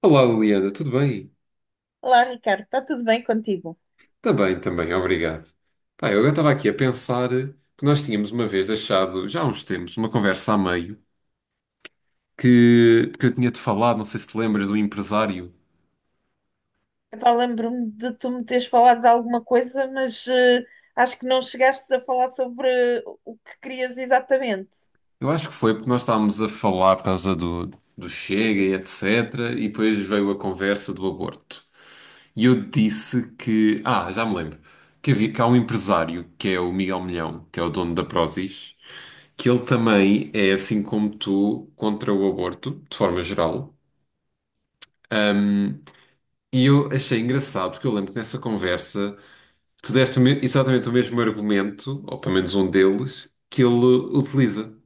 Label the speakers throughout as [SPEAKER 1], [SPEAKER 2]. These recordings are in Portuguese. [SPEAKER 1] Olá Liliana, tudo bem?
[SPEAKER 2] Olá, Ricardo, está tudo bem contigo?
[SPEAKER 1] Também, obrigado. Pá, eu agora estava aqui a pensar que nós tínhamos uma vez deixado, já há uns tempos, uma conversa a meio que, eu tinha-te falado, não sei se te lembras, do empresário.
[SPEAKER 2] Epá, lembro-me de tu me teres falado de alguma coisa, mas acho que não chegaste a falar sobre o que querias exatamente.
[SPEAKER 1] Eu acho que foi porque nós estávamos a falar por causa do, Chega e etc. E depois veio a conversa do aborto. E eu disse que, já me lembro, que há um empresário que é o Miguel Milhão, que é o dono da Prozis, que ele também é assim como tu contra o aborto, de forma geral. E eu achei engraçado, porque eu lembro que nessa conversa tu deste exatamente o mesmo argumento, ou pelo menos um deles, que ele utiliza,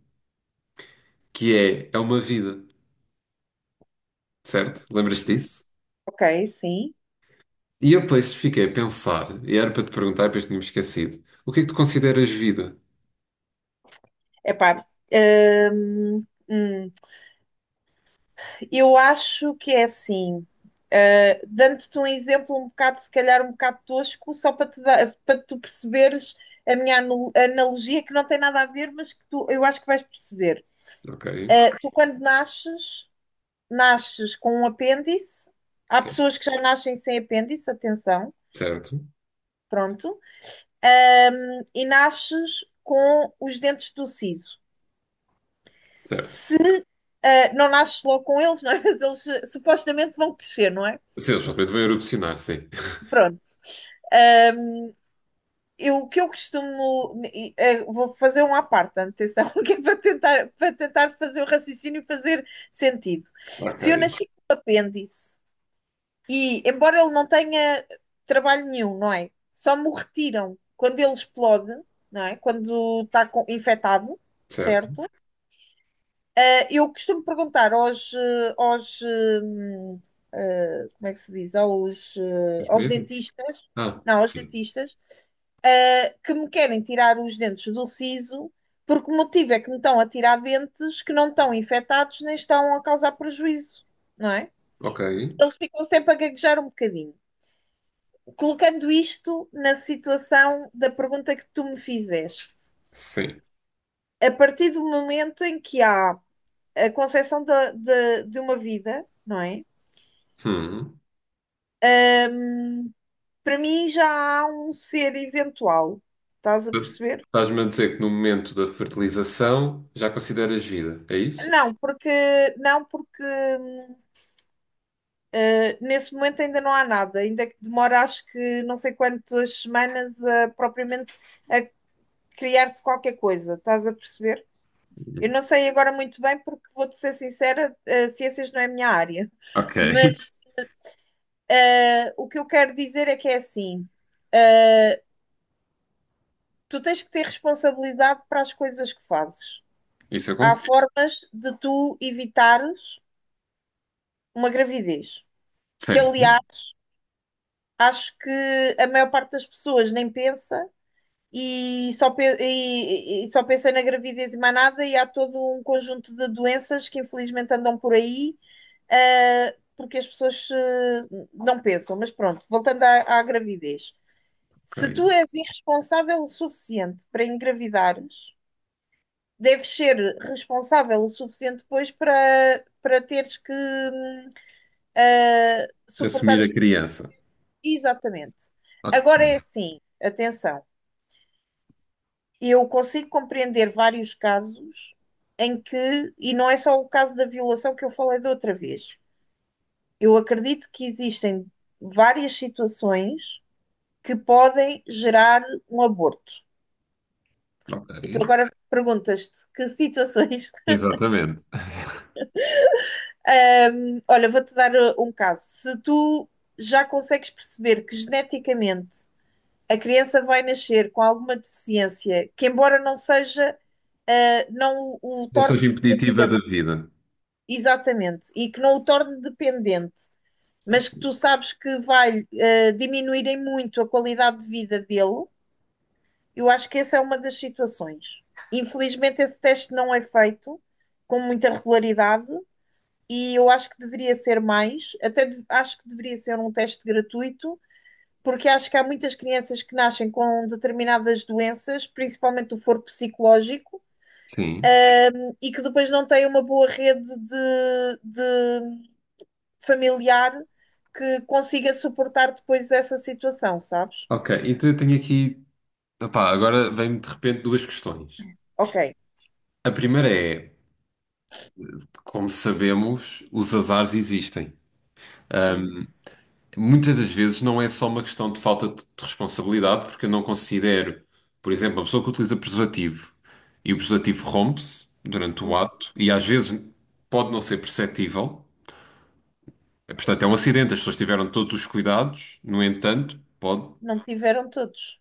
[SPEAKER 1] que é, é uma vida, certo? Lembras-te
[SPEAKER 2] Hum.
[SPEAKER 1] disso?
[SPEAKER 2] Ok, sim.
[SPEAKER 1] E eu depois fiquei a pensar, e era para te perguntar, depois tinha-me esquecido, o que é que tu consideras vida?
[SPEAKER 2] Epá, hum, hum, eu acho que é assim. Dando-te um exemplo um bocado, se calhar um bocado tosco, só para te dar, para tu perceberes a minha analogia que não tem nada a ver, mas que tu, eu acho que vais perceber.
[SPEAKER 1] Ok,
[SPEAKER 2] Tu quando nasces nasces com um apêndice. Há
[SPEAKER 1] cer-
[SPEAKER 2] pessoas que já nascem sem apêndice, atenção,
[SPEAKER 1] certo,
[SPEAKER 2] pronto. E nasces com os dentes do siso.
[SPEAKER 1] certo.
[SPEAKER 2] Se não nasces logo com eles, não é? Mas eles supostamente vão crescer, não é?
[SPEAKER 1] Sim, eles supostamente vão erupcionar, sim.
[SPEAKER 2] Pronto. Um, eu, o que eu costumo. Vou fazer um à parte, atenção, que é para tentar fazer o raciocínio fazer sentido. Se eu
[SPEAKER 1] Ok,
[SPEAKER 2] nasci com um apêndice e, embora ele não tenha trabalho nenhum, não é? Só me o retiram quando ele explode, não é? Quando está infectado,
[SPEAKER 1] certo.
[SPEAKER 2] certo? Eh, eu costumo perguntar aos, hum, eh, como é que se diz? Aos,
[SPEAKER 1] Os
[SPEAKER 2] aos
[SPEAKER 1] medos?
[SPEAKER 2] dentistas,
[SPEAKER 1] Ah,
[SPEAKER 2] não, aos
[SPEAKER 1] sim.
[SPEAKER 2] dentistas, que me querem tirar os dentes do siso, porque o motivo é que me estão a tirar dentes que não estão infectados nem estão a causar prejuízo, não é?
[SPEAKER 1] Ok,
[SPEAKER 2] Eles ficam sempre a gaguejar um bocadinho. Colocando isto na situação da pergunta que tu me fizeste,
[SPEAKER 1] sim.
[SPEAKER 2] a partir do momento em que há a concepção de uma vida, não é?
[SPEAKER 1] Hum.
[SPEAKER 2] Para mim já há um ser eventual, estás a perceber?
[SPEAKER 1] Estás-me a dizer que no momento da fertilização já consideras vida, é isso?
[SPEAKER 2] Não, porque não, porque hum, nesse momento ainda não há nada, ainda que demora acho que não sei quantas semanas a propriamente criar-se qualquer coisa, estás a perceber? Eu não sei agora muito bem, porque vou-te ser sincera, ciências não é a minha área.
[SPEAKER 1] Ok,
[SPEAKER 2] Mas o que eu quero dizer é que é assim: eh, tu tens que ter responsabilidade para as coisas que fazes.
[SPEAKER 1] isso eu
[SPEAKER 2] Há
[SPEAKER 1] concordo.
[SPEAKER 2] formas de tu evitares uma gravidez, que
[SPEAKER 1] Certo,
[SPEAKER 2] aliás acho que a maior parte das pessoas nem pensa e só, pe- e só pensa na gravidez e mais nada, e há todo um conjunto de doenças que infelizmente andam por aí. Porque as pessoas não pensam. Mas pronto, voltando à, à gravidez. Se tu
[SPEAKER 1] ok.
[SPEAKER 2] és irresponsável o suficiente para engravidares, deves ser responsável o suficiente depois para, para teres que suportar
[SPEAKER 1] Assumir a
[SPEAKER 2] as.
[SPEAKER 1] criança.
[SPEAKER 2] Exatamente.
[SPEAKER 1] Ok,
[SPEAKER 2] Agora é assim, atenção, eu consigo compreender vários casos em que, e não é só o caso da violação que eu falei da outra vez, eu acredito que existem várias situações que podem gerar um aborto.
[SPEAKER 1] ok.
[SPEAKER 2] E tu agora perguntas-te que situações.
[SPEAKER 1] Exatamente.
[SPEAKER 2] Olha, vou-te dar um caso. Se tu já consegues perceber que geneticamente a criança vai nascer com alguma deficiência, que embora não seja, ah, não o, o
[SPEAKER 1] Não
[SPEAKER 2] torne
[SPEAKER 1] seja impeditiva da
[SPEAKER 2] dependente,
[SPEAKER 1] vida.
[SPEAKER 2] exatamente, e que não o torne dependente, mas que tu sabes que vai ah, diminuir em muito a qualidade de vida dele, eu acho que essa é uma das situações. Infelizmente, esse teste não é feito com muita regularidade e eu acho que deveria ser mais, acho que deveria ser um teste gratuito, porque acho que há muitas crianças que nascem com determinadas doenças, principalmente do foro psicológico,
[SPEAKER 1] Sim.
[SPEAKER 2] e que depois não têm uma boa rede de familiar que consiga suportar depois essa situação, sabes?
[SPEAKER 1] Ok, então eu tenho aqui. Opá, agora vem-me de repente duas questões.
[SPEAKER 2] Ok,
[SPEAKER 1] A primeira é: como sabemos, os azares existem.
[SPEAKER 2] sim.
[SPEAKER 1] Muitas das vezes não é só uma questão de falta de responsabilidade, porque eu não considero, por exemplo, uma pessoa que utiliza preservativo e o preservativo rompe-se durante o
[SPEAKER 2] Uhum.
[SPEAKER 1] ato e às vezes pode não ser perceptível. Portanto, é um acidente, as pessoas tiveram todos os cuidados, no entanto, pode.
[SPEAKER 2] Não tiveram todos.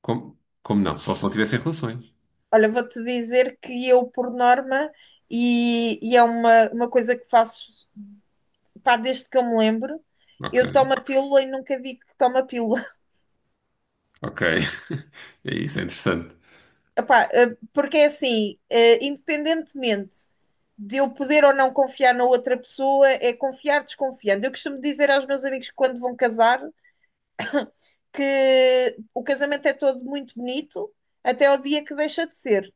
[SPEAKER 1] Como, como não? Só se não tivessem relações.
[SPEAKER 2] Olha, vou-te dizer que eu, por norma, e é uma coisa que faço, pá, desde que eu me lembro,
[SPEAKER 1] Ok,
[SPEAKER 2] eu tomo a pílula e nunca digo que tomo a pílula.
[SPEAKER 1] ok. Isso é interessante.
[SPEAKER 2] Epá, porque é assim, independentemente de eu poder ou não confiar na outra pessoa, é confiar desconfiando. Eu costumo dizer aos meus amigos que quando vão casar que o casamento é todo muito bonito até o dia que deixa de ser.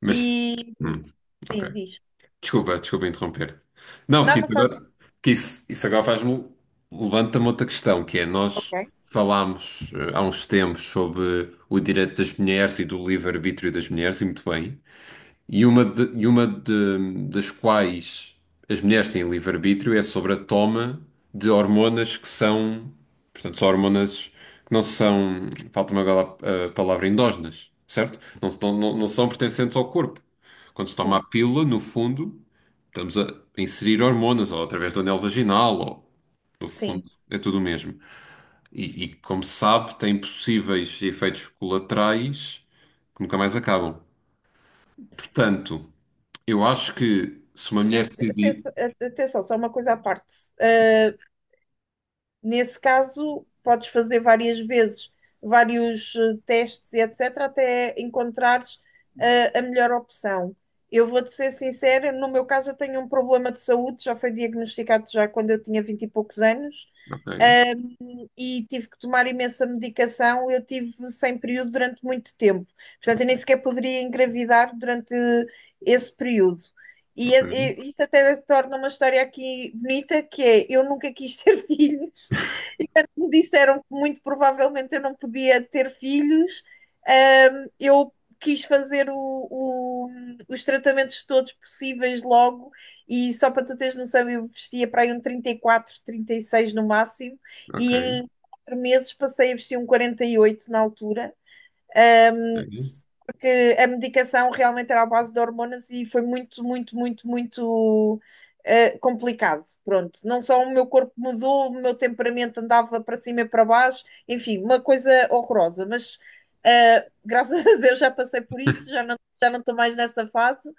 [SPEAKER 1] Mas,
[SPEAKER 2] E
[SPEAKER 1] hum, ok.
[SPEAKER 2] sim, diz.
[SPEAKER 1] Desculpa, desculpa interromper. Não, porque
[SPEAKER 2] Não, não
[SPEAKER 1] isso
[SPEAKER 2] faz
[SPEAKER 1] agora,
[SPEAKER 2] mal.
[SPEAKER 1] porque isso agora faz-me levanta-me outra questão, que é
[SPEAKER 2] Ok.
[SPEAKER 1] nós falámos há uns tempos sobre o direito das mulheres e do livre-arbítrio das mulheres, e muito bem, e uma, das quais as mulheres têm livre-arbítrio é sobre a toma de hormonas que são, portanto, são hormonas que não são, falta-me agora a palavra, endógenas, certo? Não, não, não são pertencentes ao corpo. Quando se toma a
[SPEAKER 2] Sim,
[SPEAKER 1] pílula, no fundo. Estamos a inserir hormonas, ou através do anel vaginal, ou no fundo,
[SPEAKER 2] sim.
[SPEAKER 1] é tudo o mesmo. E, como se sabe, tem possíveis efeitos colaterais que nunca mais acabam. Portanto, eu acho que se uma mulher
[SPEAKER 2] Eh,
[SPEAKER 1] decidir.
[SPEAKER 2] atenção, atenção, só uma coisa à parte. Ah, nesse caso, podes fazer várias vezes, vários testes e etc., até encontrares a melhor opção. Eu vou-te ser sincera, no meu caso, eu tenho um problema de saúde, já foi diagnosticado já quando eu tinha 20 e poucos anos,
[SPEAKER 1] Ok,
[SPEAKER 2] e tive que tomar imensa medicação. Eu tive sem período durante muito tempo, portanto, eu nem sequer poderia engravidar durante esse período.
[SPEAKER 1] ok,
[SPEAKER 2] E isso até torna uma história aqui bonita, que é, eu nunca quis ter filhos, que me disseram que muito provavelmente eu não podia ter filhos, eu quis fazer os tratamentos todos possíveis logo e só para tu teres noção, eu vestia para aí um 34, 36 no máximo
[SPEAKER 1] ok,
[SPEAKER 2] e em 4 meses passei a vestir um 48 na altura. Um,
[SPEAKER 1] ok,
[SPEAKER 2] porque a medicação realmente era à base de hormonas e foi muito complicado. Pronto, não só o meu corpo mudou, o meu temperamento andava para cima e para baixo, enfim, uma coisa horrorosa, mas. Graças a Deus já passei por isso, já não estou mais nessa fase.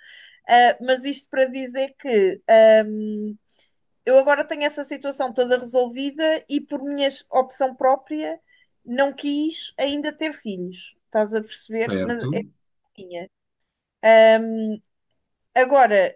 [SPEAKER 2] Mas isto para dizer que eu agora tenho essa situação toda resolvida e por minha opção própria não quis ainda ter filhos, estás a perceber?
[SPEAKER 1] certo,
[SPEAKER 2] Mas tinha. Agora,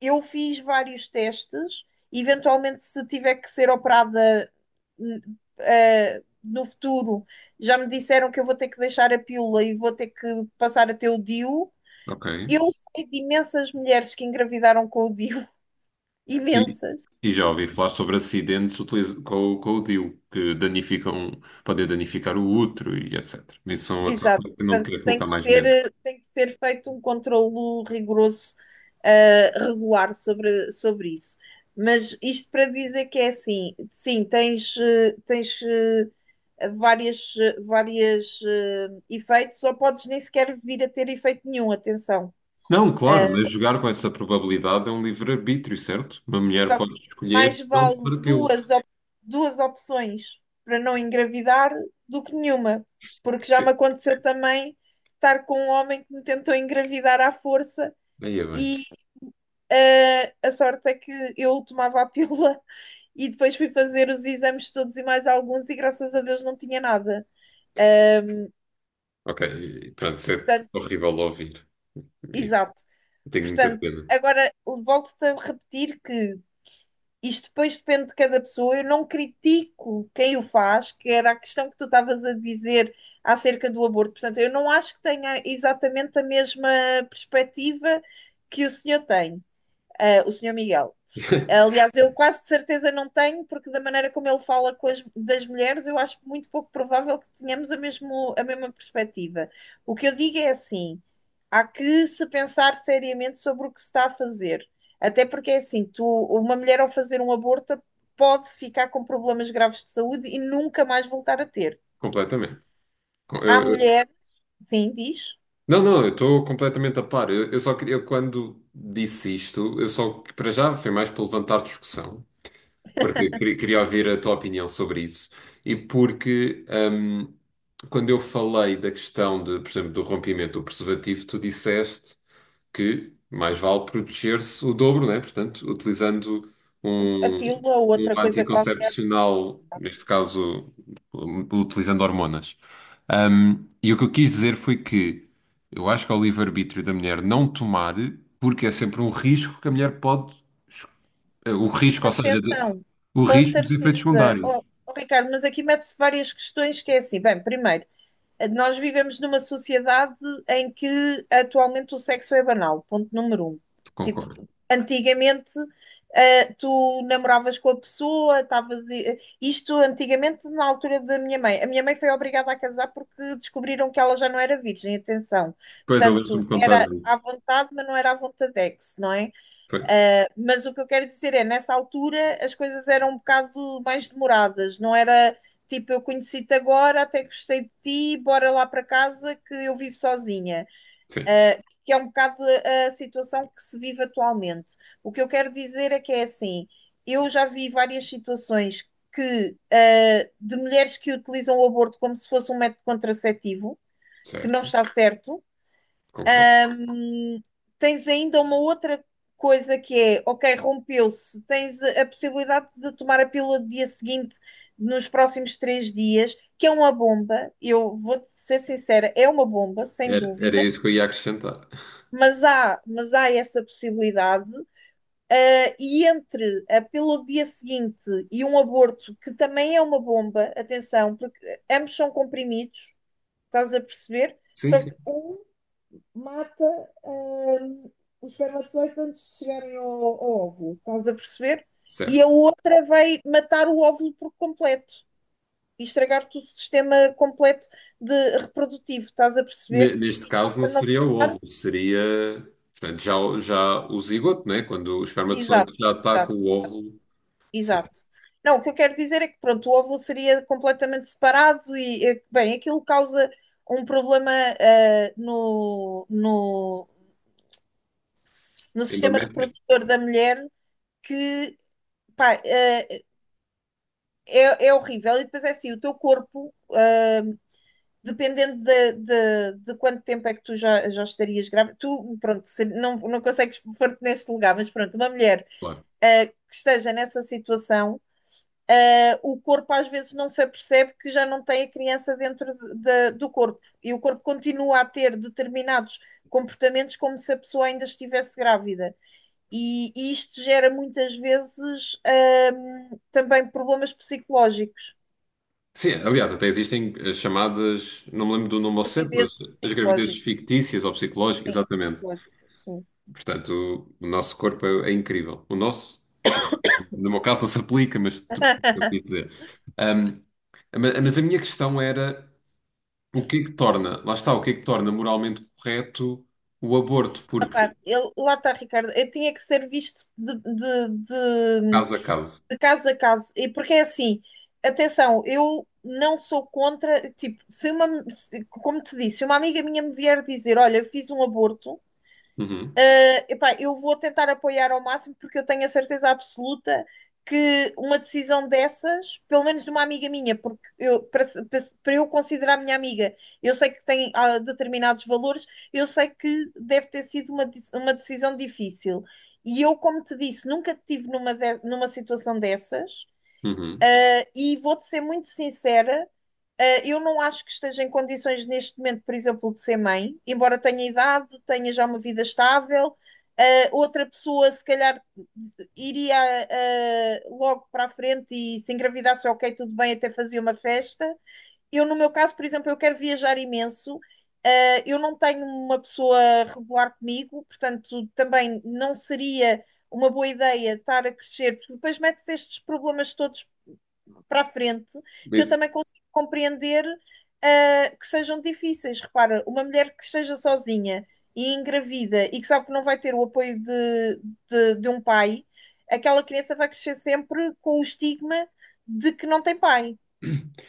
[SPEAKER 2] eu fiz vários testes, eventualmente se tiver que ser operada n- no futuro, já me disseram que eu vou ter que deixar a pílula e vou ter que passar a ter o DIU.
[SPEAKER 1] ok.
[SPEAKER 2] Eu sei de imensas mulheres que engravidaram com o DIU,
[SPEAKER 1] E,
[SPEAKER 2] imensas.
[SPEAKER 1] já ouvi falar sobre acidentes com o DIU, que danificam, podem danificar o útero e etc. Isso são outros,
[SPEAKER 2] Exato,
[SPEAKER 1] fatores que eu não me
[SPEAKER 2] portanto
[SPEAKER 1] queria colocar mais medo.
[SPEAKER 2] tem que ser feito um controlo rigoroso, regular sobre, sobre isso. Mas isto para dizer que é assim, sim, tens, tens várias efeitos, ou podes nem sequer vir a ter efeito nenhum, atenção.
[SPEAKER 1] Não, claro, mas jogar com essa probabilidade é um livre-arbítrio, certo? Uma mulher
[SPEAKER 2] Só que
[SPEAKER 1] pode escolher
[SPEAKER 2] mais
[SPEAKER 1] não
[SPEAKER 2] vale
[SPEAKER 1] para pílula.
[SPEAKER 2] duas, op- duas opções para não engravidar do que nenhuma. Porque já me aconteceu também estar com um homem que me tentou engravidar à força
[SPEAKER 1] Aí é bem.
[SPEAKER 2] e a sorte é que eu tomava a pílula e depois fui fazer os exames todos e mais alguns e graças a Deus não tinha nada.
[SPEAKER 1] Ok, e pronto, isso é
[SPEAKER 2] Portanto,
[SPEAKER 1] horrível de ouvir. E
[SPEAKER 2] exato.
[SPEAKER 1] tenho muita
[SPEAKER 2] Portanto,
[SPEAKER 1] pena.
[SPEAKER 2] agora volto-te a repetir que isto depois depende de cada pessoa. Eu não critico quem o faz, que era a questão que tu estavas a dizer acerca do aborto. Portanto, eu não acho que tenha exatamente a mesma perspectiva que o senhor tem, ah, o senhor Miguel. Aliás, eu quase de certeza não tenho, porque da maneira como ele fala das mulheres, eu acho muito pouco provável que tenhamos a, mesmo, a mesma perspectiva. O que eu digo é assim: há que se pensar seriamente sobre o que se está a fazer. Até porque é assim, tu, uma mulher ao fazer um aborto pode ficar com problemas graves de saúde e nunca mais voltar a ter.
[SPEAKER 1] Completamente. Com-
[SPEAKER 2] Há
[SPEAKER 1] eu- eu-
[SPEAKER 2] mulher, sim, diz,
[SPEAKER 1] não, não, eu estou completamente a par. Eu só queria, eu quando disse isto, eu só, para já, foi mais para levantar discussão, porque eu queria, queria ouvir a tua opinião sobre isso. E porque, quando eu falei da questão de, por exemplo, do rompimento do preservativo, tu disseste que mais vale proteger-se o dobro, né? Portanto, utilizando
[SPEAKER 2] a
[SPEAKER 1] um,
[SPEAKER 2] pílula ou
[SPEAKER 1] um
[SPEAKER 2] outra coisa qualquer.
[SPEAKER 1] anticoncepcional, neste caso, um, utilizando hormonas. Um, e o que eu quis dizer foi que eu acho que é o livre-arbítrio da mulher não tomar, porque é sempre um risco que a mulher pode. es- O risco, ou seja,
[SPEAKER 2] Atenção,
[SPEAKER 1] o
[SPEAKER 2] com
[SPEAKER 1] risco de efeitos
[SPEAKER 2] certeza.
[SPEAKER 1] secundários.
[SPEAKER 2] Oh, oh, Ricardo, mas aqui mete-se várias questões que é assim. Bem, primeiro, nós vivemos numa sociedade em que atualmente o sexo é banal, ponto número um. Tipo,
[SPEAKER 1] Concordo.
[SPEAKER 2] antigamente, tu namoravas com a pessoa, estavas. Isto antigamente, na altura da minha mãe. A minha mãe foi obrigada a casar porque descobriram que ela já não era virgem, atenção.
[SPEAKER 1] Pois eu
[SPEAKER 2] Portanto,
[SPEAKER 1] lembro-me de contar.
[SPEAKER 2] era
[SPEAKER 1] De-
[SPEAKER 2] à vontade, mas não era à vontadex, não é?
[SPEAKER 1] Pois,
[SPEAKER 2] Mas o que eu quero dizer é, nessa altura as coisas eram um bocado mais demoradas, não era tipo eu conheci-te agora, até gostei de ti, bora lá para casa que eu vivo sozinha.
[SPEAKER 1] sim,
[SPEAKER 2] Ah, que é um bocado a situação que se vive atualmente. O que eu quero dizer é que é assim, eu já vi várias situações que ah, de mulheres que utilizam o aborto como se fosse um método contraceptivo, que não
[SPEAKER 1] certo,
[SPEAKER 2] está certo.
[SPEAKER 1] concordo.
[SPEAKER 2] Hum, tens ainda uma outra coisa que é, ok, rompeu-se, tens a possibilidade de tomar a pílula do dia seguinte, nos próximos 3 dias, que é uma bomba. Eu vou ser sincera, é uma bomba, sem
[SPEAKER 1] Era, era
[SPEAKER 2] dúvida,
[SPEAKER 1] isso que eu ia acrescentar.
[SPEAKER 2] mas há essa possibilidade. E entre a pílula do dia seguinte e um aborto, que também é uma bomba, atenção, porque ambos são comprimidos, estás a perceber?
[SPEAKER 1] Sim,
[SPEAKER 2] Só
[SPEAKER 1] sim,
[SPEAKER 2] que um mata hum, os espermatozoides antes de chegarem ao, ao óvulo, estás a perceber? E a
[SPEAKER 1] certo.
[SPEAKER 2] outra vai matar o óvulo por completo e estragar-te o sistema completo de reprodutivo, estás a perceber?
[SPEAKER 1] Neste
[SPEAKER 2] E só
[SPEAKER 1] caso não
[SPEAKER 2] para não
[SPEAKER 1] seria o
[SPEAKER 2] falar,
[SPEAKER 1] óvulo, seria, portanto, já, já o zigoto, né? Quando o
[SPEAKER 2] exato,
[SPEAKER 1] espermatozoide já está com
[SPEAKER 2] exato,
[SPEAKER 1] o
[SPEAKER 2] exato,
[SPEAKER 1] óvulo, sim,
[SPEAKER 2] exato. Não, o que eu quero dizer é que pronto, o óvulo seria completamente separado e, bem, aquilo causa um problema ah, no sistema
[SPEAKER 1] endométrio,
[SPEAKER 2] reprodutor da mulher que, pá, ah, é, é horrível. E depois é assim, o teu corpo, dependendo de quanto tempo é que tu já estarias grávida, tu, pronto, não, não consegues pôr-te neste lugar, mas pronto, uma mulher,
[SPEAKER 1] claro.
[SPEAKER 2] que esteja nessa situação, o corpo às vezes não se apercebe que já não tem a criança dentro do corpo. E o corpo continua a ter determinados comportamentos como se a pessoa ainda estivesse grávida. E isto gera muitas vezes, também problemas psicológicos.
[SPEAKER 1] Sim, aliás, até existem as chamadas, não me lembro do nome ao certo, mas
[SPEAKER 2] Gravidezes
[SPEAKER 1] as gravidezes
[SPEAKER 2] psicológicas.
[SPEAKER 1] fictícias ou psicológicas, exatamente.
[SPEAKER 2] Psicológicas, sim.
[SPEAKER 1] Portanto, o nosso corpo é, é incrível. O nosso, no meu caso, não se aplica, mas tu percebes o que eu quis dizer. Ahm, mas a minha questão era o que é que torna, lá está, o que é que torna moralmente correto o aborto, porque
[SPEAKER 2] Epá, lá está, Ricardo. Tinha que ser visto
[SPEAKER 1] caso a caso.
[SPEAKER 2] de caso a caso. E porque é assim, atenção, eu não sou contra. Tipo, se uma, se- como te disse, se uma amiga minha me vier dizer: Olha, eu fiz um aborto.
[SPEAKER 1] Uhum,
[SPEAKER 2] Epá, eu vou tentar apoiar ao máximo porque eu tenho a certeza absoluta que uma decisão dessas, pelo menos de uma amiga minha, porque eu, para, se- para se- para eu considerar minha amiga, eu sei que tem determinados valores, eu sei que deve ter sido uma decisão difícil. E eu, como te disse, nunca estive numa situação dessas.
[SPEAKER 1] uhum.
[SPEAKER 2] E vou-te ser muito sincera. Eu não acho que esteja em condições neste momento, por exemplo, de ser mãe, embora tenha idade, tenha já uma vida estável. Outra pessoa, se calhar, iria logo para a frente e se engravidasse, ok, tudo bem, até fazia uma festa. Eu, no meu caso, por exemplo, eu quero viajar imenso. Eu não tenho uma pessoa regular comigo, portanto, também não seria uma boa ideia estar a crescer, porque depois mete-se estes problemas todos para a frente, que eu
[SPEAKER 1] Isso,
[SPEAKER 2] também consigo compreender que sejam difíceis. Repara, uma mulher que esteja sozinha e engravida e que sabe que não vai ter o apoio de um pai, aquela criança vai crescer sempre com o estigma de que não tem pai.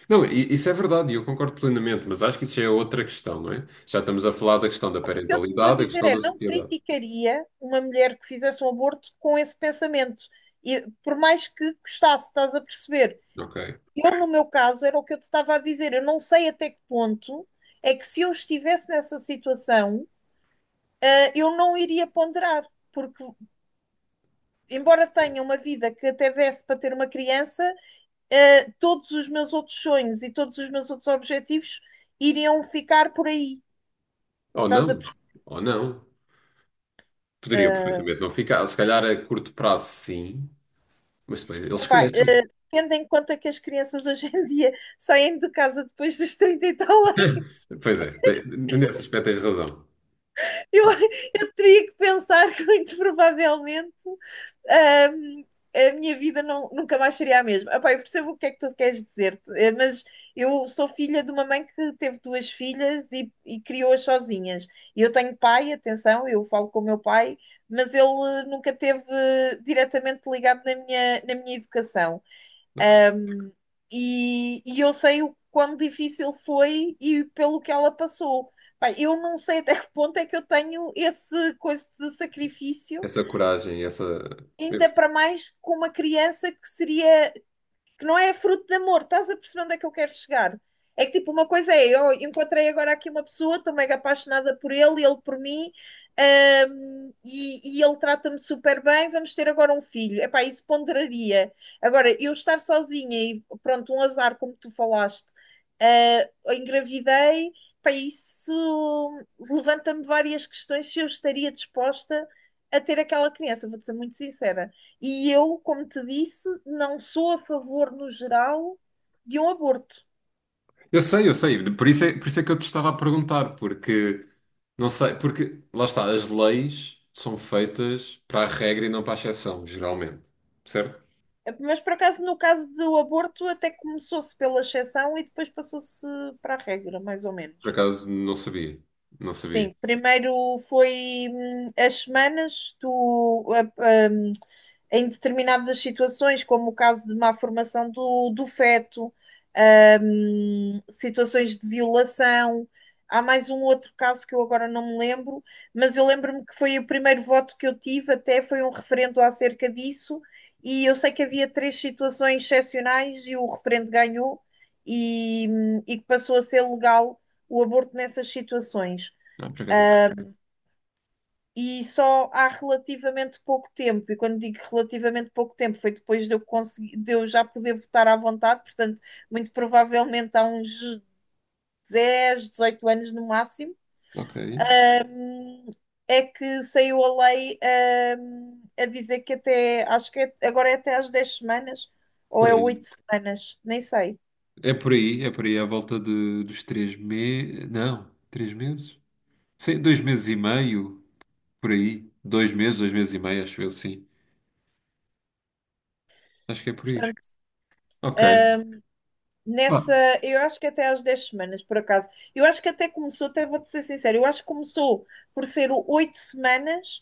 [SPEAKER 1] não, isso é verdade e eu concordo plenamente, mas acho que isso já é outra questão, não é? Já estamos a falar da questão da
[SPEAKER 2] O que eu te estou a
[SPEAKER 1] parentalidade, a
[SPEAKER 2] dizer
[SPEAKER 1] questão
[SPEAKER 2] é,
[SPEAKER 1] da
[SPEAKER 2] não
[SPEAKER 1] sociedade.
[SPEAKER 2] criticaria uma mulher que fizesse um aborto com esse pensamento. E por mais que custasse, estás a perceber?
[SPEAKER 1] Ok.
[SPEAKER 2] Eu, no meu caso, era o que eu te estava a dizer. Eu não sei até que ponto é que se eu estivesse nessa situação, eu não iria ponderar. Porque, embora tenha uma vida que até desse para ter uma criança, todos os meus outros sonhos e todos os meus outros objetivos iriam ficar por aí.
[SPEAKER 1] Ou
[SPEAKER 2] Estás a
[SPEAKER 1] não,
[SPEAKER 2] perceber?
[SPEAKER 1] ou não. Poderiam perfeitamente não ficar. Se calhar a curto prazo, sim, mas depois eles
[SPEAKER 2] Epá,
[SPEAKER 1] crescem.
[SPEAKER 2] tendo em conta que as crianças hoje em dia saem de casa depois dos 30 e tal anos,
[SPEAKER 1] Pois é, nesse aspecto tens razão.
[SPEAKER 2] eu,
[SPEAKER 1] Ah,
[SPEAKER 2] eu teria que pensar que muito provavelmente, ahm, a minha vida nunca mais seria a mesma. Epá, eu percebo o que é que tu queres dizer, mas eu sou filha de uma mãe que teve duas filhas e, criou-as sozinhas. E eu tenho pai, atenção, eu falo com o meu pai, mas ele nunca teve diretamente ligado na minha educação.
[SPEAKER 1] ok.
[SPEAKER 2] E eu sei o quão difícil foi e pelo que ela passou. Pá, eu não sei até que ponto é que eu tenho esse coisa de sacrifício
[SPEAKER 1] Essa coragem, essa.
[SPEAKER 2] ainda para mais com uma criança que seria, que não é fruto de amor, estás a perceber onde é que eu quero chegar? É que tipo, uma coisa é, eu encontrei agora aqui uma pessoa, estou mega apaixonada por ele, ele por mim, e ele trata-me super bem, vamos ter agora um filho. Epá, isso ponderaria. Agora, eu estar sozinha e pronto, um azar, como tu falaste, engravidei, epá, isso levanta-me várias questões se eu estaria disposta a ter aquela criança, vou-te ser muito sincera. E eu, como te disse, não sou a favor, no geral, de um aborto.
[SPEAKER 1] Eu sei, por isso é que eu te estava a perguntar, porque não sei, porque lá está, as leis são feitas para a regra e não para a exceção, geralmente. Certo?
[SPEAKER 2] É, mas, por acaso, no caso do aborto, até começou-se pela exceção e depois passou-se para a regra, mais ou
[SPEAKER 1] Por
[SPEAKER 2] menos.
[SPEAKER 1] acaso não sabia. Não sabia.
[SPEAKER 2] Sim, primeiro foi as semanas, tu, em determinadas situações, como o caso de má formação do feto, situações de violação. Há mais um outro caso que eu agora não me lembro, mas eu lembro-me que foi o primeiro voto que eu tive, até foi um referendo acerca disso, e eu sei que havia três situações excepcionais e o referendo ganhou e que passou a ser legal o aborto nessas situações
[SPEAKER 1] Não, por acaso
[SPEAKER 2] e só há relativamente pouco tempo, e quando digo relativamente pouco tempo, foi depois de eu, conseguir, de eu já poder votar à vontade, portanto, muito provavelmente há uns 10 18 anos no máximo,
[SPEAKER 1] não sabia. Ok.
[SPEAKER 2] um, é que saiu a lei, a dizer que até, acho que agora é até às 10 semanas, ou
[SPEAKER 1] Por
[SPEAKER 2] é
[SPEAKER 1] aí.
[SPEAKER 2] 8 semanas, nem sei.
[SPEAKER 1] É por aí, é por aí, à volta dos 3 meses. Não, 3 meses? Sim, dois meses e meio, por aí. 2 meses, 2 meses e meio, acho eu, sim. Acho que é por aí.
[SPEAKER 2] Portanto,
[SPEAKER 1] Ok. Pá.
[SPEAKER 2] nessa, eu acho que até às 10 semanas, por acaso. Eu acho que até começou, até vou-te ser sincero, eu acho que começou por ser o 8 semanas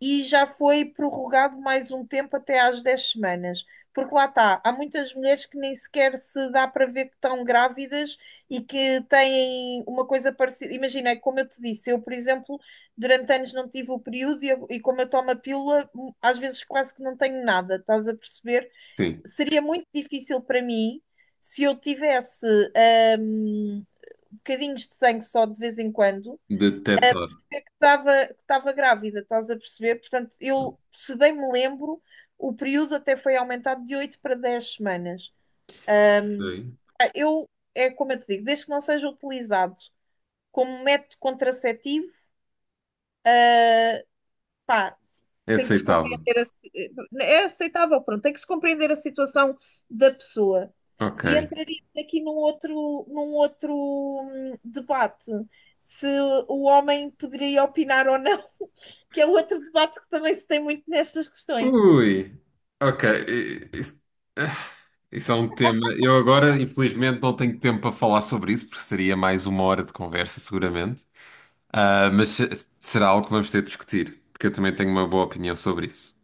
[SPEAKER 2] e já foi prorrogado mais um tempo até às 10 semanas. Porque lá está, há muitas mulheres que nem sequer se dá para ver que estão grávidas e que têm uma coisa parecida. Imagina, como eu te disse, eu, por exemplo, durante anos não tive o período e, e como eu tomo a pílula, às vezes quase que não tenho nada, estás a perceber?
[SPEAKER 1] Sim.
[SPEAKER 2] Seria muito difícil para mim se eu tivesse hum, bocadinhos de sangue só de vez em quando,
[SPEAKER 1] Detectado.
[SPEAKER 2] é que estava grávida, estás a perceber? Portanto, eu, se bem me lembro, o período até foi aumentado de 8 para 10 semanas. Ah, Eu, É como eu te digo, desde que não seja utilizado como método contraceptivo, pá,
[SPEAKER 1] É
[SPEAKER 2] tem que se
[SPEAKER 1] aceitável.
[SPEAKER 2] compreender é aceitável, pronto, tem que se compreender a situação da pessoa.
[SPEAKER 1] Ok.
[SPEAKER 2] E entraríamos aqui num outro debate, se o homem poderia opinar ou não, que é um outro debate que também se tem muito nestas questões.
[SPEAKER 1] Ui. Ok. Isso é um tema. Eu agora, infelizmente, não tenho tempo para falar sobre isso, porque seria mais 1 hora de conversa, seguramente. Ah, mas se- Será algo que vamos ter de discutir, porque eu também tenho uma boa opinião sobre isso.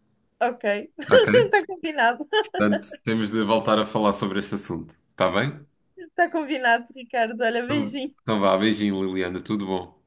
[SPEAKER 2] Ok,
[SPEAKER 1] Ok?
[SPEAKER 2] está combinado,
[SPEAKER 1] Portanto, temos de voltar a falar sobre este assunto. Está bem?
[SPEAKER 2] está combinado, Ricardo. Olha,
[SPEAKER 1] Então,
[SPEAKER 2] beijinho.
[SPEAKER 1] então vá, beijinho, Liliana. Tudo bom.